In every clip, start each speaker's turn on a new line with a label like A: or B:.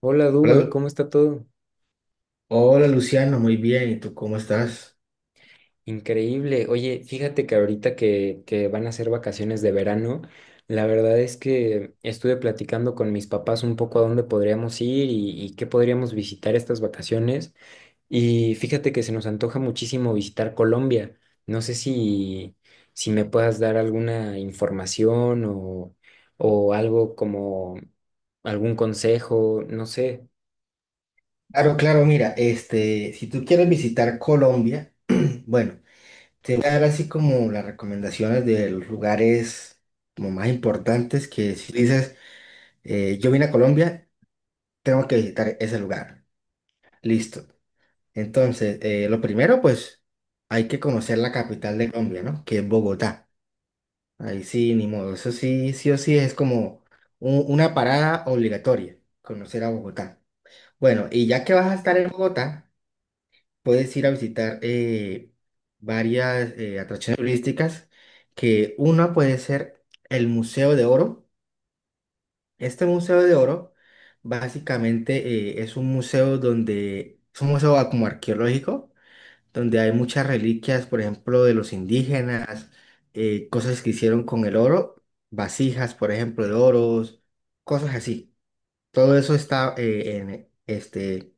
A: Hola
B: Hola,
A: Duban, ¿cómo está todo?
B: Hola, Luciano, muy bien. ¿Y tú cómo estás?
A: Increíble. Oye, fíjate que ahorita que van a ser vacaciones de verano, la verdad es que estuve platicando con mis papás un poco a dónde podríamos ir y qué podríamos visitar estas vacaciones. Y fíjate que se nos antoja muchísimo visitar Colombia. No sé si, si me puedas dar alguna información o algo como algún consejo, no sé.
B: Claro, claro, mira, si tú quieres visitar Colombia, bueno, te voy a dar así como las recomendaciones de los lugares como más importantes que si dices, yo vine a Colombia, tengo que visitar ese lugar. Listo. Entonces, lo primero, pues, hay que conocer la capital de Colombia, ¿no? Que es Bogotá. Ahí sí, ni modo. Eso sí, sí o sí es como una parada obligatoria, conocer a Bogotá. Bueno, y ya que vas a estar en Bogotá, puedes ir a visitar varias atracciones turísticas, que una puede ser el Museo de Oro. Este Museo de Oro básicamente es un museo donde, es un museo como arqueológico, donde hay muchas reliquias, por ejemplo, de los indígenas, cosas que hicieron con el oro, vasijas, por ejemplo, de oros, cosas así. Todo eso está en este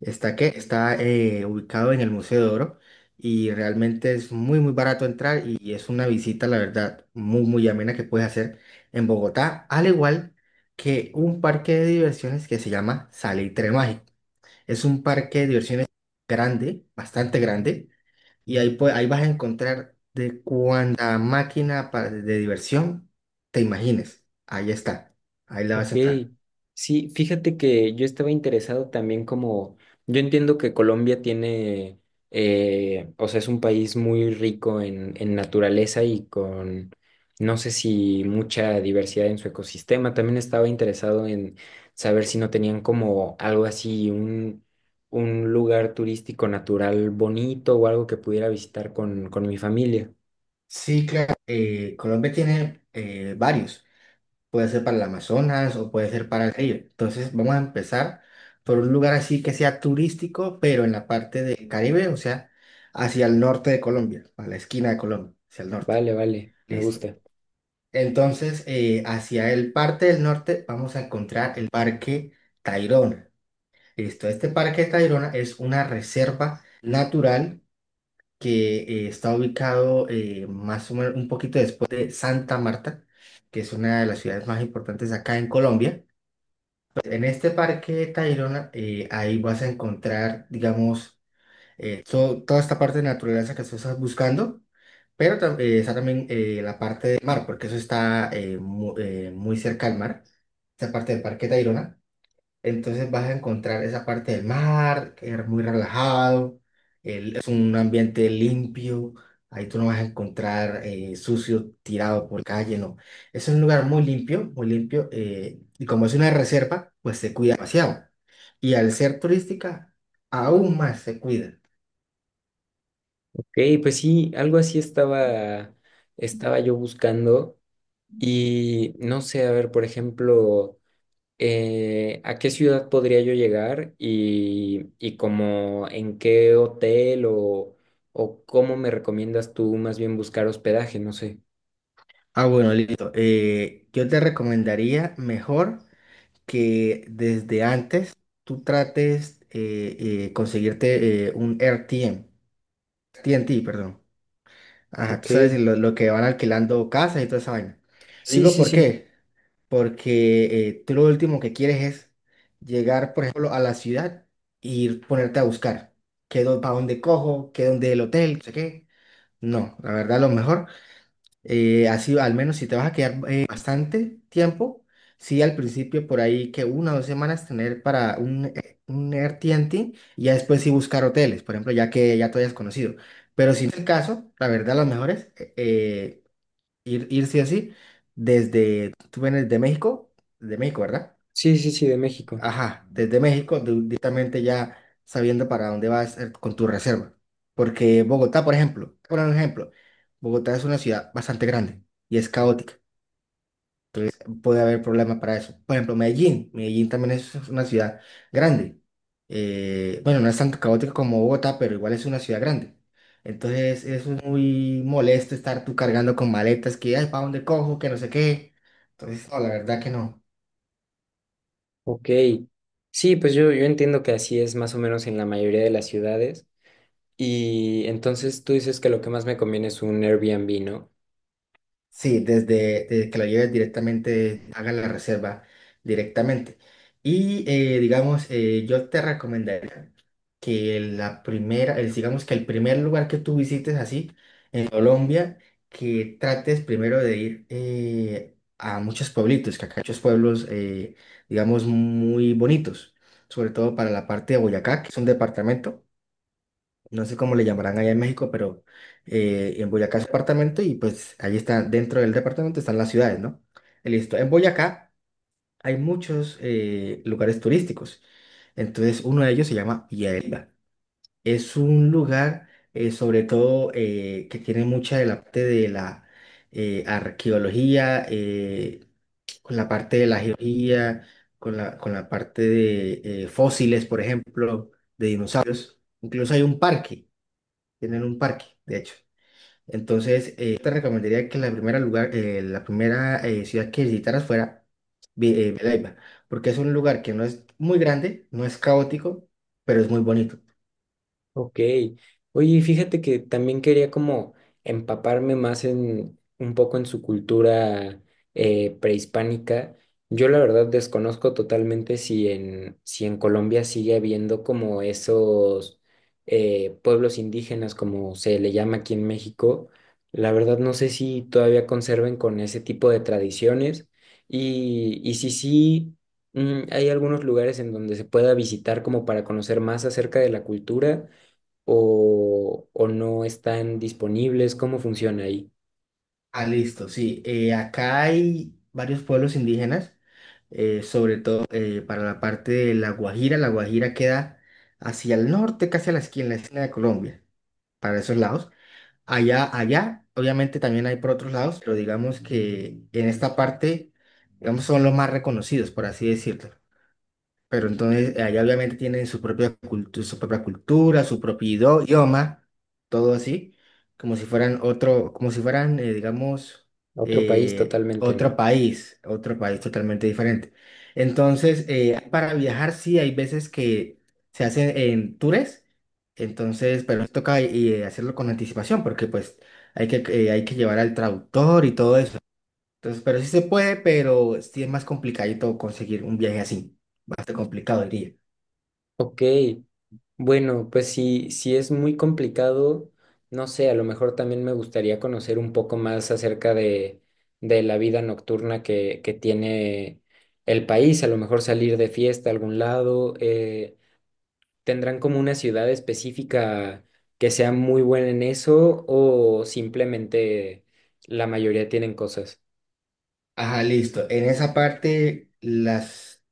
B: Está que está ubicado en el Museo de Oro y realmente es muy barato entrar y es una visita, la verdad, muy amena que puedes hacer en Bogotá, al igual que un parque de diversiones que se llama Salitre Mágico. Es un parque de diversiones grande, bastante grande y ahí vas a encontrar de cuánta máquina de diversión te imagines. Ahí está. Ahí la
A: Ok,
B: vas a entrar.
A: sí, fíjate que yo estaba interesado también como, yo entiendo que Colombia tiene, o sea, es un país muy rico en naturaleza y con, no sé si mucha diversidad en su ecosistema. También estaba interesado en saber si no tenían como algo así, un lugar turístico natural bonito o algo que pudiera visitar con mi familia.
B: Sí, claro. Colombia tiene varios. Puede ser para el Amazonas o puede ser para el río. Entonces vamos a empezar por un lugar así que sea turístico, pero en la parte del Caribe, o sea, hacia el norte de Colombia, a la esquina de Colombia, hacia el norte.
A: Vale, vale, me
B: Listo.
A: gusta.
B: Entonces, hacia el parte del norte vamos a encontrar el Parque Tayrona. Listo, este Parque Tayrona es una reserva natural que está ubicado más o menos un poquito después de Santa Marta, que es una de las ciudades más importantes acá en Colombia. En este parque Tayrona, ahí vas a encontrar, digamos, toda esta parte de naturaleza que tú estás buscando, pero está también la parte del mar, porque eso está muy cerca al mar, esa parte del parque Tayrona. Entonces vas a encontrar esa parte del mar, que es muy relajado, es un ambiente limpio, ahí tú no vas a encontrar sucio tirado por calle, no. Es un lugar muy limpio, y como es una reserva, pues se cuida demasiado. Y al ser turística, aún más se cuida.
A: Ey, pues sí, estaba yo buscando y no sé, a ver, por ejemplo, ¿a qué ciudad podría yo llegar y como en qué hotel o cómo me recomiendas tú más bien buscar hospedaje? No sé.
B: Ah, bueno, listo. Yo te recomendaría mejor que desde antes tú trates conseguirte un RTM. TNT, perdón. Ajá, tú
A: Ok,
B: sabes lo que van alquilando casas y toda esa vaina.
A: sí,
B: Digo,
A: sí,
B: ¿por
A: sí,
B: qué? Porque tú lo último que quieres es llegar, por ejemplo, a la ciudad y ir ponerte a buscar. ¿Qué, para dónde cojo? ¿Qué dónde el hotel? No sé qué. No, la verdad, lo mejor así, al menos si te vas a quedar bastante tiempo, sí, al principio por ahí que una o dos semanas tener para un AirTNT y ya después sí buscar hoteles, por ejemplo, ya que ya te hayas conocido. Pero si no es el caso, la verdad, los mejores, ir sí o sí, tú vienes de México, ¿verdad?
A: sí, sí, sí, de México.
B: Ajá, desde México, directamente ya sabiendo para dónde vas con tu reserva. Porque Bogotá, por ejemplo, por un ejemplo, Bogotá es una ciudad bastante grande y es caótica. Entonces puede haber problemas para eso. Por ejemplo, Medellín. Medellín también es una ciudad grande. Bueno, no es tan caótica como Bogotá, pero igual es una ciudad grande. Entonces eso es muy molesto estar tú cargando con maletas que, ay, ¿para dónde cojo? Que no sé qué. Entonces, no, la verdad que no.
A: Ok, sí, pues yo entiendo que así es más o menos en la mayoría de las ciudades y entonces tú dices que lo que más me conviene es un Airbnb, ¿no?
B: Sí, desde que la lleves directamente, hagas la reserva directamente. Y digamos, yo te recomendaría que digamos que el primer lugar que tú visites así en Colombia, que trates primero de ir a muchos pueblitos, que acá hay muchos pueblos, digamos, muy bonitos, sobre todo para la parte de Boyacá, que es un departamento no sé cómo le llamarán allá en México, pero en Boyacá es departamento y pues ahí está, dentro del departamento están las ciudades, ¿no? Y listo. En Boyacá hay muchos lugares turísticos. Entonces, uno de ellos se llama Villahermosa. Es un lugar, sobre todo, que tiene mucha de la parte de la arqueología, con la parte de la geología, con la parte de fósiles, por ejemplo, de dinosaurios. Incluso hay un parque. Tienen un parque, de hecho. Entonces, te recomendaría que la primera ciudad que visitaras fuera Villanueva, porque es un lugar que no es muy grande, no es caótico, pero es muy bonito.
A: Ok. Oye, fíjate que también quería como empaparme más en un poco en su cultura prehispánica. Yo la verdad desconozco totalmente si en Colombia sigue habiendo como esos pueblos indígenas, como se le llama aquí en México. La verdad no sé si todavía conserven con ese tipo de tradiciones y si sí, hay algunos lugares en donde se pueda visitar como para conocer más acerca de la cultura ¿o no están disponibles? ¿Cómo funciona ahí?
B: Ah, listo, sí. Eh, acá hay varios pueblos indígenas, sobre todo para la parte de La Guajira. La Guajira queda hacia el norte, casi a la esquina, en la esquina de Colombia, para esos lados. Allá, obviamente también hay por otros lados, pero digamos que en esta parte, digamos, son los más reconocidos, por así decirlo. Pero entonces allá obviamente tienen su propia cultura, su propia cultura, su propio idioma, todo así, como si fueran otro, como si fueran, digamos,
A: Otro país totalmente no.
B: otro país totalmente diferente. Entonces, para viajar sí hay veces que se hacen en tours, entonces, pero nos toca hacerlo con anticipación porque pues hay que llevar al traductor y todo eso. Entonces, pero sí se puede, pero sí es más complicadito conseguir un viaje así. Bastante complicado, diría.
A: Ok, bueno, pues si es muy complicado, no sé, a lo mejor también me gustaría conocer un poco más acerca de la vida nocturna que tiene el país, a lo mejor salir de fiesta a algún lado, ¿tendrán como una ciudad específica que sea muy buena en eso o simplemente la mayoría tienen cosas?
B: Ajá, listo. En esa parte,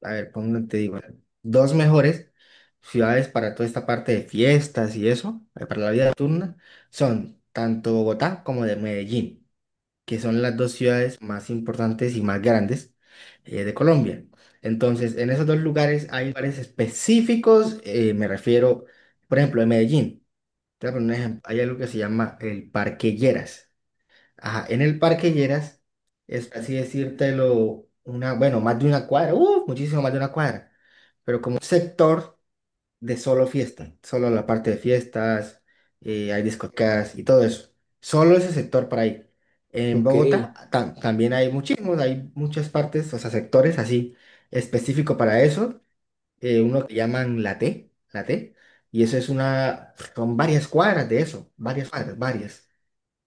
B: a ver, ¿cómo te digo? Dos mejores ciudades para toda esta parte de fiestas y eso, para la vida nocturna, son tanto Bogotá como de Medellín, que son las dos ciudades más importantes y más grandes de Colombia. Entonces, en esos dos lugares hay lugares específicos, me refiero, por ejemplo, en Medellín. Te voy a poner un ejemplo. Hay algo que se llama el Parque Lleras. Ajá, en el Parque Lleras es así decírtelo, una, bueno, más de una cuadra, muchísimo más de una cuadra, pero como un sector de solo fiesta, solo la parte de fiestas, hay discotecas y todo eso. Solo ese sector para ahí. En
A: Ok.
B: Bogotá también hay muchísimos, hay muchas partes, o sea, sectores así específico para eso uno que llaman la T, y eso es una, son varias cuadras de eso, varias cuadras, varias,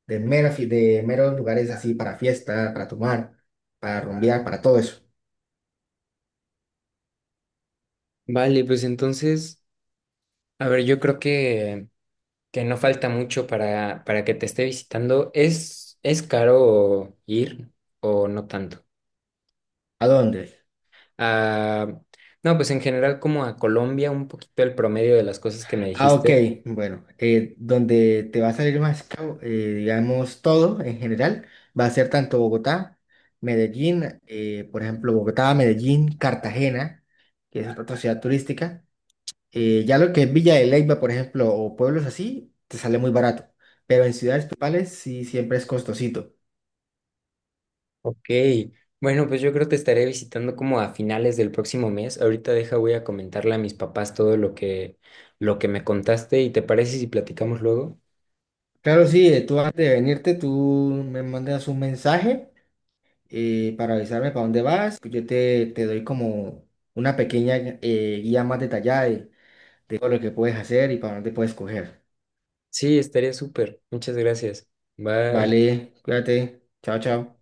B: de, de meros lugares así para fiesta, para tomar, para rumbear, para todo eso.
A: Vale, pues entonces, a ver, yo creo que no falta mucho para que te esté visitando. Es caro ir o no tanto?
B: ¿A dónde?
A: Ah, no, pues en general como a Colombia, un poquito el promedio de las cosas que me
B: Ah, ok,
A: dijiste.
B: bueno, donde te va a salir más caro, digamos, todo en general, va a ser tanto Bogotá, Medellín, por ejemplo, Bogotá, Medellín, Cartagena, que es otra ciudad turística. Ya lo que es Villa de Leyva, por ejemplo, o pueblos así, te sale muy barato. Pero en ciudades principales sí siempre es costosito.
A: Ok, bueno, pues yo creo que te estaré visitando como a finales del próximo mes. Ahorita deja, voy a comentarle a mis papás todo lo lo que me contaste y ¿te parece si platicamos luego?
B: Claro, sí, tú antes de venirte, tú me mandas un mensaje para avisarme para dónde vas. Pues yo te doy como una pequeña guía más detallada de todo lo que puedes hacer y para dónde puedes coger.
A: Sí, estaría súper. Muchas gracias. Bye.
B: Vale, cuídate. Chao, chao.